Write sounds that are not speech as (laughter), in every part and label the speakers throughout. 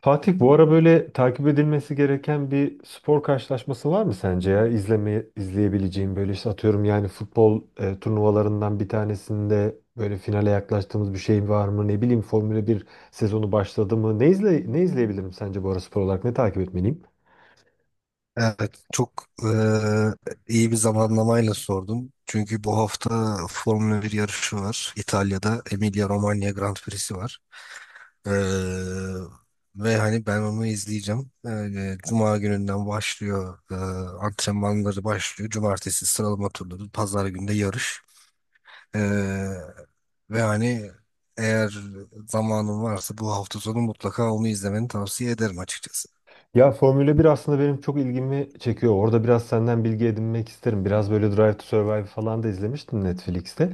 Speaker 1: Fatih bu ara böyle takip edilmesi gereken bir spor karşılaşması var mı sence ya? İzleyebileceğim böyle işte atıyorum yani futbol turnuvalarından bir tanesinde böyle finale yaklaştığımız bir şey var mı? Ne bileyim Formula 1 sezonu başladı mı? Ne izleyebilirim sence bu ara spor olarak? Ne takip etmeliyim?
Speaker 2: Evet, çok iyi bir zamanlamayla sordum. Çünkü bu hafta Formula bir yarışı var. İtalya'da Emilia-Romagna Grand Prix'si var. Eee, ve hani ben onu izleyeceğim. Cuma gününden başlıyor. Antrenmanları başlıyor. Cumartesi sıralama turları. Pazar günde yarış. Eee, ve hani eğer zamanın varsa bu hafta sonu mutlaka onu izlemeni tavsiye ederim açıkçası.
Speaker 1: Ya Formula 1 aslında benim çok ilgimi çekiyor. Orada biraz senden bilgi edinmek isterim. Biraz böyle Drive to Survive falan da izlemiştim Netflix'te.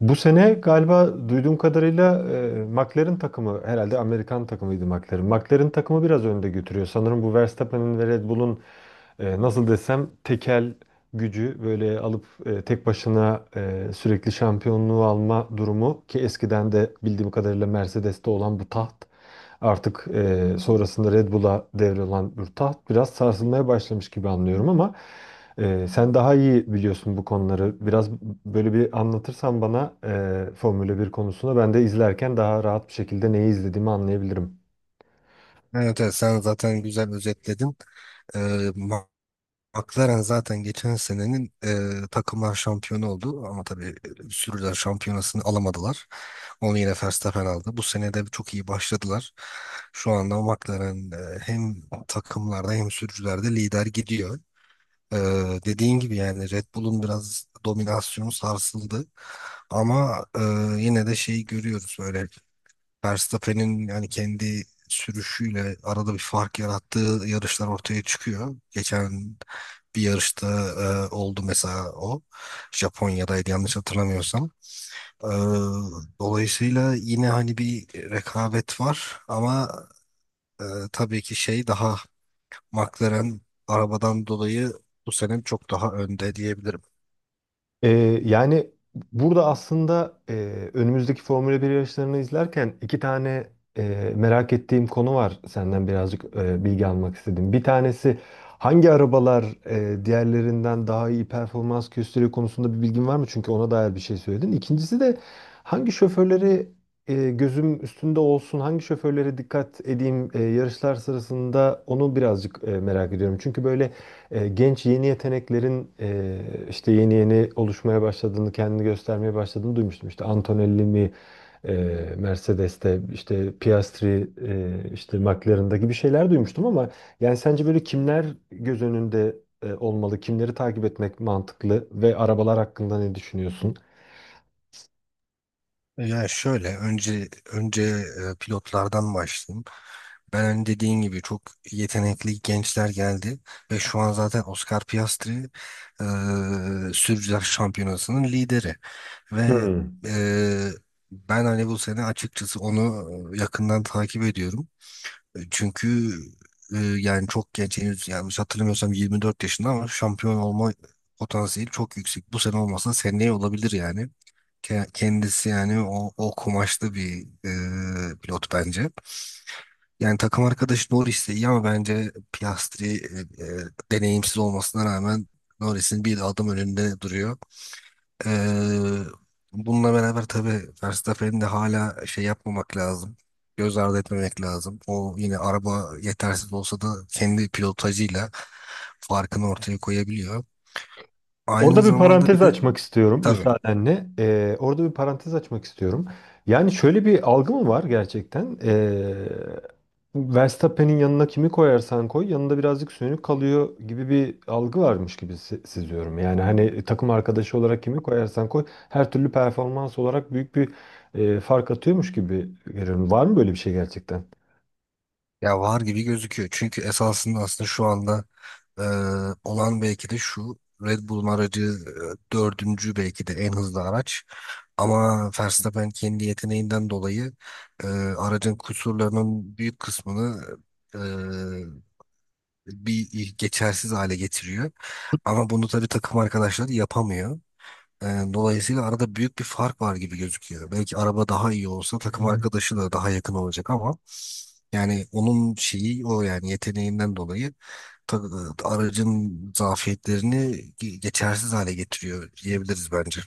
Speaker 1: Bu sene galiba duyduğum kadarıyla McLaren takımı, herhalde Amerikan takımıydı McLaren. McLaren takımı biraz önde götürüyor. Sanırım bu Verstappen'in ve Red Bull'un nasıl desem tekel gücü böyle alıp tek başına sürekli şampiyonluğu alma durumu ki eskiden de bildiğim kadarıyla Mercedes'te olan bu taht artık sonrasında Red Bull'a devrolan bir taht biraz sarsılmaya başlamış gibi anlıyorum ama sen daha iyi biliyorsun bu konuları. Biraz böyle bir anlatırsan bana Formula 1 konusunda ben de izlerken daha rahat bir şekilde neyi izlediğimi anlayabilirim.
Speaker 2: Evet, evet sen zaten güzel özetledin. Ee, McLaren zaten geçen senenin takımlar şampiyonu oldu ama tabii sürücüler şampiyonasını alamadılar. Onu yine Verstappen aldı. Bu sene de çok iyi başladılar. Şu anda McLaren hem takımlarda hem sürücülerde lider gidiyor. E, dediğin gibi yani Red Bull'un biraz dominasyonu sarsıldı. Ama yine de şeyi görüyoruz böyle Verstappen'in yani kendi sürüşüyle arada bir fark yarattığı yarışlar ortaya çıkıyor. Geçen bir yarışta oldu mesela o. Japonya'daydı yanlış hatırlamıyorsam. E, dolayısıyla yine hani bir rekabet var ama e, tabii ki şey daha McLaren arabadan dolayı bu sene çok daha önde diyebilirim.
Speaker 1: Ee, Yani burada aslında önümüzdeki Formula 1 yarışlarını izlerken iki tane merak ettiğim konu var. Senden birazcık bilgi almak istedim. Bir tanesi hangi arabalar diğerlerinden daha iyi performans gösteriyor konusunda bir bilgin var mı? Çünkü ona dair bir şey söyledin. İkincisi de hangi şoförleri gözüm üstünde olsun, hangi şoförlere dikkat edeyim yarışlar sırasında onu birazcık merak ediyorum. Çünkü böyle genç yeni yeteneklerin işte yeni yeni oluşmaya başladığını, kendini göstermeye başladığını duymuştum. İşte Antonelli mi e, Mercedes'te, işte Piastri, işte McLaren'da gibi şeyler duymuştum ama yani sence böyle kimler göz önünde olmalı, kimleri takip etmek mantıklı ve arabalar hakkında ne düşünüyorsun?
Speaker 2: Yani şöyle önce pilotlardan başlayayım. Ben hani dediğin gibi çok yetenekli gençler geldi ve şu an zaten Oscar Piastri eee Sürücüler Şampiyonası'nın lideri ve
Speaker 1: Hmm.
Speaker 2: eee, ben hani bu sene açıkçası onu yakından takip ediyorum. Çünkü yani çok genç henüz yanlış hatırlamıyorsam 24 yaşında ama şampiyon olma potansiyeli çok yüksek. Bu sene olmasa seneye olabilir yani. Kendisi yani o kumaşlı bir pilot bence. Yani takım arkadaşı Norris de iyi ama bence Piastri deneyimsiz olmasına rağmen Norris'in bir adım önünde duruyor. E, bununla beraber tabii Verstappen'in de hala şey yapmamak lazım. Göz ardı etmemek lazım. O yine araba yetersiz olsa da kendi pilotajıyla farkını ortaya koyabiliyor. Aynı
Speaker 1: Orada bir
Speaker 2: zamanda bir
Speaker 1: parantez
Speaker 2: de
Speaker 1: açmak istiyorum
Speaker 2: tabii
Speaker 1: müsaadenle. Orada bir parantez açmak istiyorum. Yani şöyle bir algı mı var gerçekten? Verstappen'in yanına kimi koyarsan koy yanında birazcık sönük kalıyor gibi bir algı varmış gibi seziyorum. Yani hani takım arkadaşı olarak kimi koyarsan koy her türlü performans olarak büyük bir fark atıyormuş gibi görüyorum. Var mı böyle bir şey gerçekten?
Speaker 2: ya var gibi gözüküyor. Çünkü esasında aslında şu anda Ee, olan belki de şu Red Bull'un aracı dördüncü belki de en hızlı araç. Ama Verstappen kendi yeteneğinden dolayı aracın kusurlarının büyük kısmını e, bir geçersiz hale getiriyor. Ama bunu tabii takım arkadaşları yapamıyor. E, dolayısıyla arada büyük bir fark var gibi gözüküyor. Belki araba daha iyi olsa takım arkadaşı da daha yakın olacak ama yani onun şeyi o yani yeteneğinden dolayı ta- aracın zafiyetlerini geçersiz hale getiriyor diyebiliriz bence.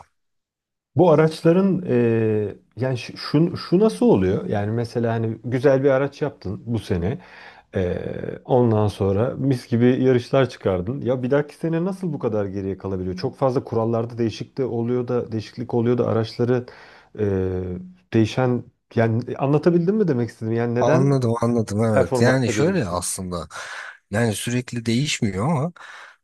Speaker 1: Bu araçların yani şu nasıl oluyor? Yani mesela hani güzel bir araç yaptın bu sene. Ondan sonra mis gibi yarışlar çıkardın. Ya bir dahaki sene nasıl bu kadar geriye kalabiliyor? Çok fazla kurallarda değişiklik oluyor da araçları eee, değişen yani anlatabildim mi demek istedim? Yani neden
Speaker 2: Anladım, anladım evet. Yani
Speaker 1: performansta geri
Speaker 2: şöyle
Speaker 1: düşüyor?
Speaker 2: aslında yani sürekli değişmiyor ama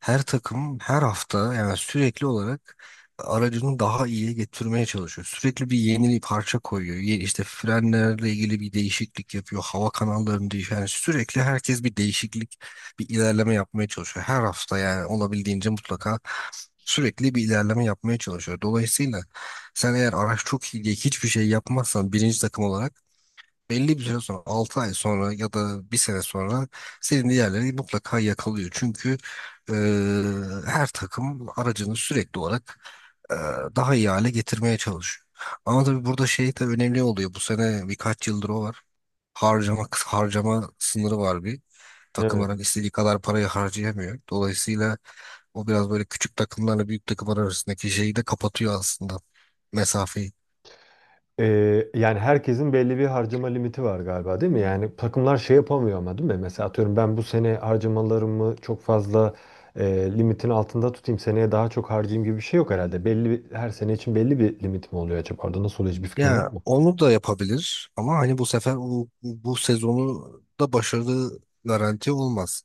Speaker 2: her takım her hafta yani sürekli olarak aracını daha iyiye getirmeye çalışıyor. Sürekli bir yeni bir parça koyuyor. İşte frenlerle ilgili bir değişiklik yapıyor. Hava kanallarını değişiyor. Yani sürekli herkes bir değişiklik, bir ilerleme yapmaya çalışıyor. Her hafta yani olabildiğince mutlaka sürekli bir ilerleme yapmaya çalışıyor. Dolayısıyla sen eğer araç çok iyi diye hiçbir şey yapmazsan birinci takım olarak belli bir süre sonra 6 ay sonra ya da bir sene sonra senin diğerleri mutlaka yakalıyor. Çünkü e, her takım aracını sürekli olarak e, daha iyi hale getirmeye çalışıyor. Ama tabii burada şey de önemli oluyor. Bu sene birkaç yıldır o var. Harcama sınırı var bir.
Speaker 1: Evet.
Speaker 2: Takımların istediği kadar parayı harcayamıyor. Dolayısıyla o biraz böyle küçük takımlarla büyük takımlar arasındaki şeyi de kapatıyor aslında mesafeyi.
Speaker 1: Yani herkesin belli bir harcama limiti var galiba değil mi? Yani takımlar şey yapamıyor ama değil mi? Mesela atıyorum ben bu sene harcamalarımı çok fazla limitin altında tutayım seneye daha çok harcayayım gibi bir şey yok herhalde. Her sene için belli bir limit mi oluyor acaba? Orada nasıl oluyor hiçbir fikrim var
Speaker 2: Ya
Speaker 1: mı?
Speaker 2: onu da yapabilir ama hani bu sefer o, bu sezonu da başarılı garanti olmaz.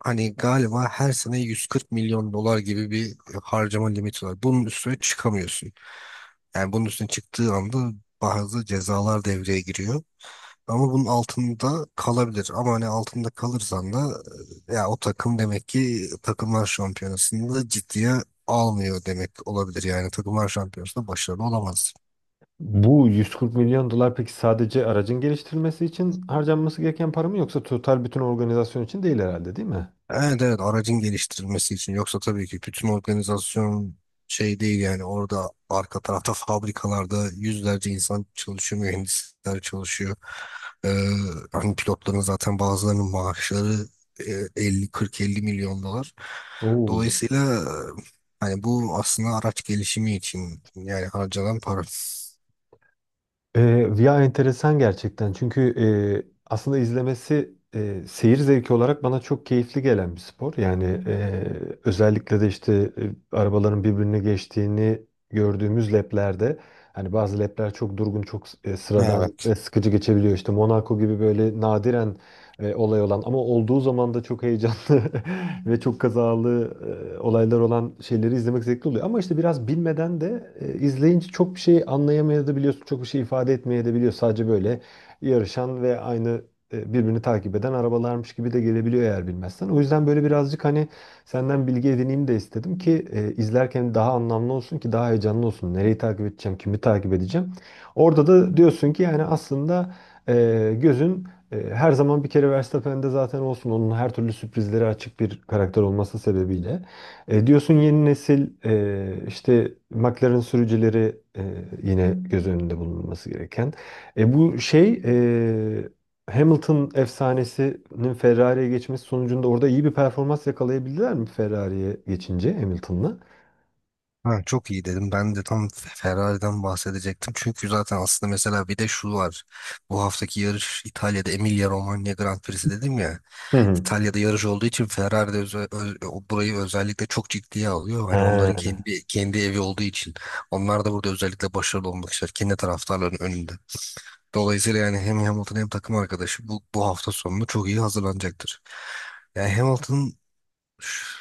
Speaker 2: Hani galiba her sene 140 milyon dolar gibi bir harcama limiti var. Bunun üstüne çıkamıyorsun. Yani bunun üstüne çıktığı anda bazı cezalar devreye giriyor. Ama bunun altında kalabilir. Ama hani altında kalırsan da ya o takım demek ki takımlar şampiyonasında ciddiye almıyor demek olabilir. Yani takımlar şampiyonasında başarılı olamaz.
Speaker 1: Bu 140 milyon dolar peki sadece aracın geliştirilmesi için harcanması gereken para mı yoksa total bütün organizasyon için değil herhalde değil mi?
Speaker 2: Evet evet aracın geliştirilmesi için. Yoksa tabii ki bütün organizasyon şey değil yani orada arka tarafta fabrikalarda yüzlerce insan çalışıyor, mühendisler çalışıyor. Ee, hani pilotların zaten bazılarının maaşları 50 40-50 milyon dolar.
Speaker 1: Oo.
Speaker 2: Dolayısıyla hani bu aslında araç gelişimi için yani harcanan para.
Speaker 1: Via enteresan gerçekten. Çünkü aslında izlemesi seyir zevki olarak bana çok keyifli gelen bir spor. Yani özellikle de işte arabaların birbirine geçtiğini gördüğümüz leplerde hani bazı lepler çok durgun, çok sıradan ve
Speaker 2: Evet.
Speaker 1: sıkıcı geçebiliyor. İşte Monaco gibi böyle nadiren olay olan ama olduğu zaman da çok heyecanlı (laughs) ve çok kazalı olaylar olan şeyleri izlemek zevkli oluyor. Ama işte biraz bilmeden de izleyince çok bir şey anlayamayabiliyorsun, çok bir şey ifade etmeyebiliyor. Sadece böyle yarışan ve aynı birbirini takip eden arabalarmış gibi de gelebiliyor eğer bilmezsen. O yüzden böyle birazcık hani senden bilgi edineyim de istedim ki izlerken daha anlamlı olsun ki daha heyecanlı olsun. Nereyi takip edeceğim, kimi takip edeceğim. Orada da diyorsun ki yani aslında gözün her zaman bir kere Verstappen'de zaten olsun onun her türlü sürprizlere açık bir karakter olması sebebiyle. Diyorsun yeni nesil işte McLaren sürücüleri yine göz önünde bulunması gereken. Bu şey Hamilton efsanesinin Ferrari'ye geçmesi sonucunda orada iyi bir performans yakalayabildiler mi Ferrari'ye geçince Hamilton'la?
Speaker 2: Ha, çok iyi dedim. Ben de tam Ferrari'den bahsedecektim. Çünkü zaten aslında mesela bir de şu var. Bu haftaki yarış İtalya'da Emilia-Romagna Grand Prix'si dedim ya.
Speaker 1: Hı hı.
Speaker 2: İtalya'da yarış olduğu için Ferrari de burayı özellikle çok ciddiye alıyor. Hani onların
Speaker 1: He.
Speaker 2: kendi evi olduğu için. Onlar da burada özellikle başarılı olmak ister. Kendi taraftarların önünde. Dolayısıyla yani hem Hamilton hem takım arkadaşı bu hafta sonunu çok iyi hazırlanacaktır. Yani Hamilton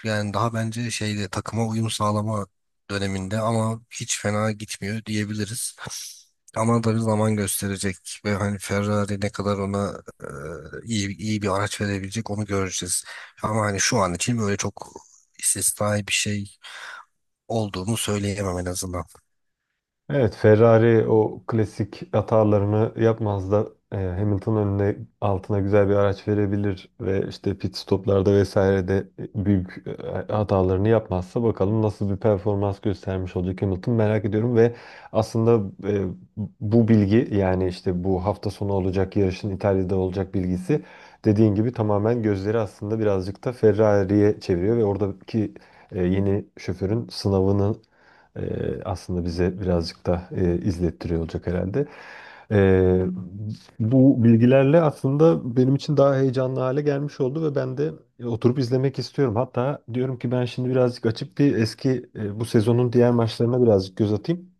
Speaker 2: yani daha bence şeyde takıma uyum sağlama döneminde ama hiç fena gitmiyor diyebiliriz. Ama tabii zaman gösterecek ve hani Ferrari ne kadar ona iyi iyi bir araç verebilecek onu göreceğiz. Ama hani şu an için böyle çok istisnai bir şey olduğunu söyleyemem en azından.
Speaker 1: Evet, Ferrari o klasik hatalarını yapmaz da Hamilton önüne altına güzel bir araç verebilir ve işte pit stoplarda vesaire de büyük hatalarını yapmazsa bakalım nasıl bir performans göstermiş olacak Hamilton merak ediyorum ve aslında bu bilgi yani işte bu hafta sonu olacak yarışın İtalya'da olacak bilgisi dediğin gibi tamamen gözleri aslında birazcık da Ferrari'ye çeviriyor ve oradaki yeni şoförün sınavını aslında bize birazcık da izlettiriyor olacak herhalde. E, Bu bilgilerle aslında benim için daha heyecanlı hale gelmiş oldu ve ben de oturup izlemek istiyorum. Hatta diyorum ki ben şimdi birazcık açıp bir eski bu sezonun diğer maçlarına birazcık göz atayım.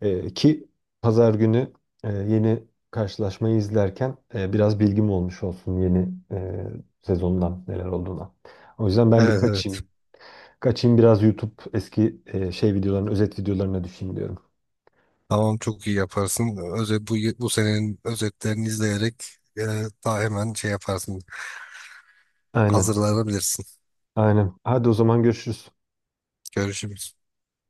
Speaker 1: Ki pazar günü yeni karşılaşmayı izlerken biraz bilgim olmuş olsun yeni sezondan neler olduğuna. O yüzden ben
Speaker 2: Evet
Speaker 1: birkaç
Speaker 2: evet.
Speaker 1: kaçayım biraz YouTube eski şey videolarını, özet videolarına düşeyim diyorum.
Speaker 2: Tamam çok iyi yaparsın. Özet, bu senenin özetlerini izleyerek e, daha hemen şey yaparsın.
Speaker 1: Aynen,
Speaker 2: Hazırlanabilirsin.
Speaker 1: aynen. Hadi o zaman görüşürüz.
Speaker 2: Görüşürüz.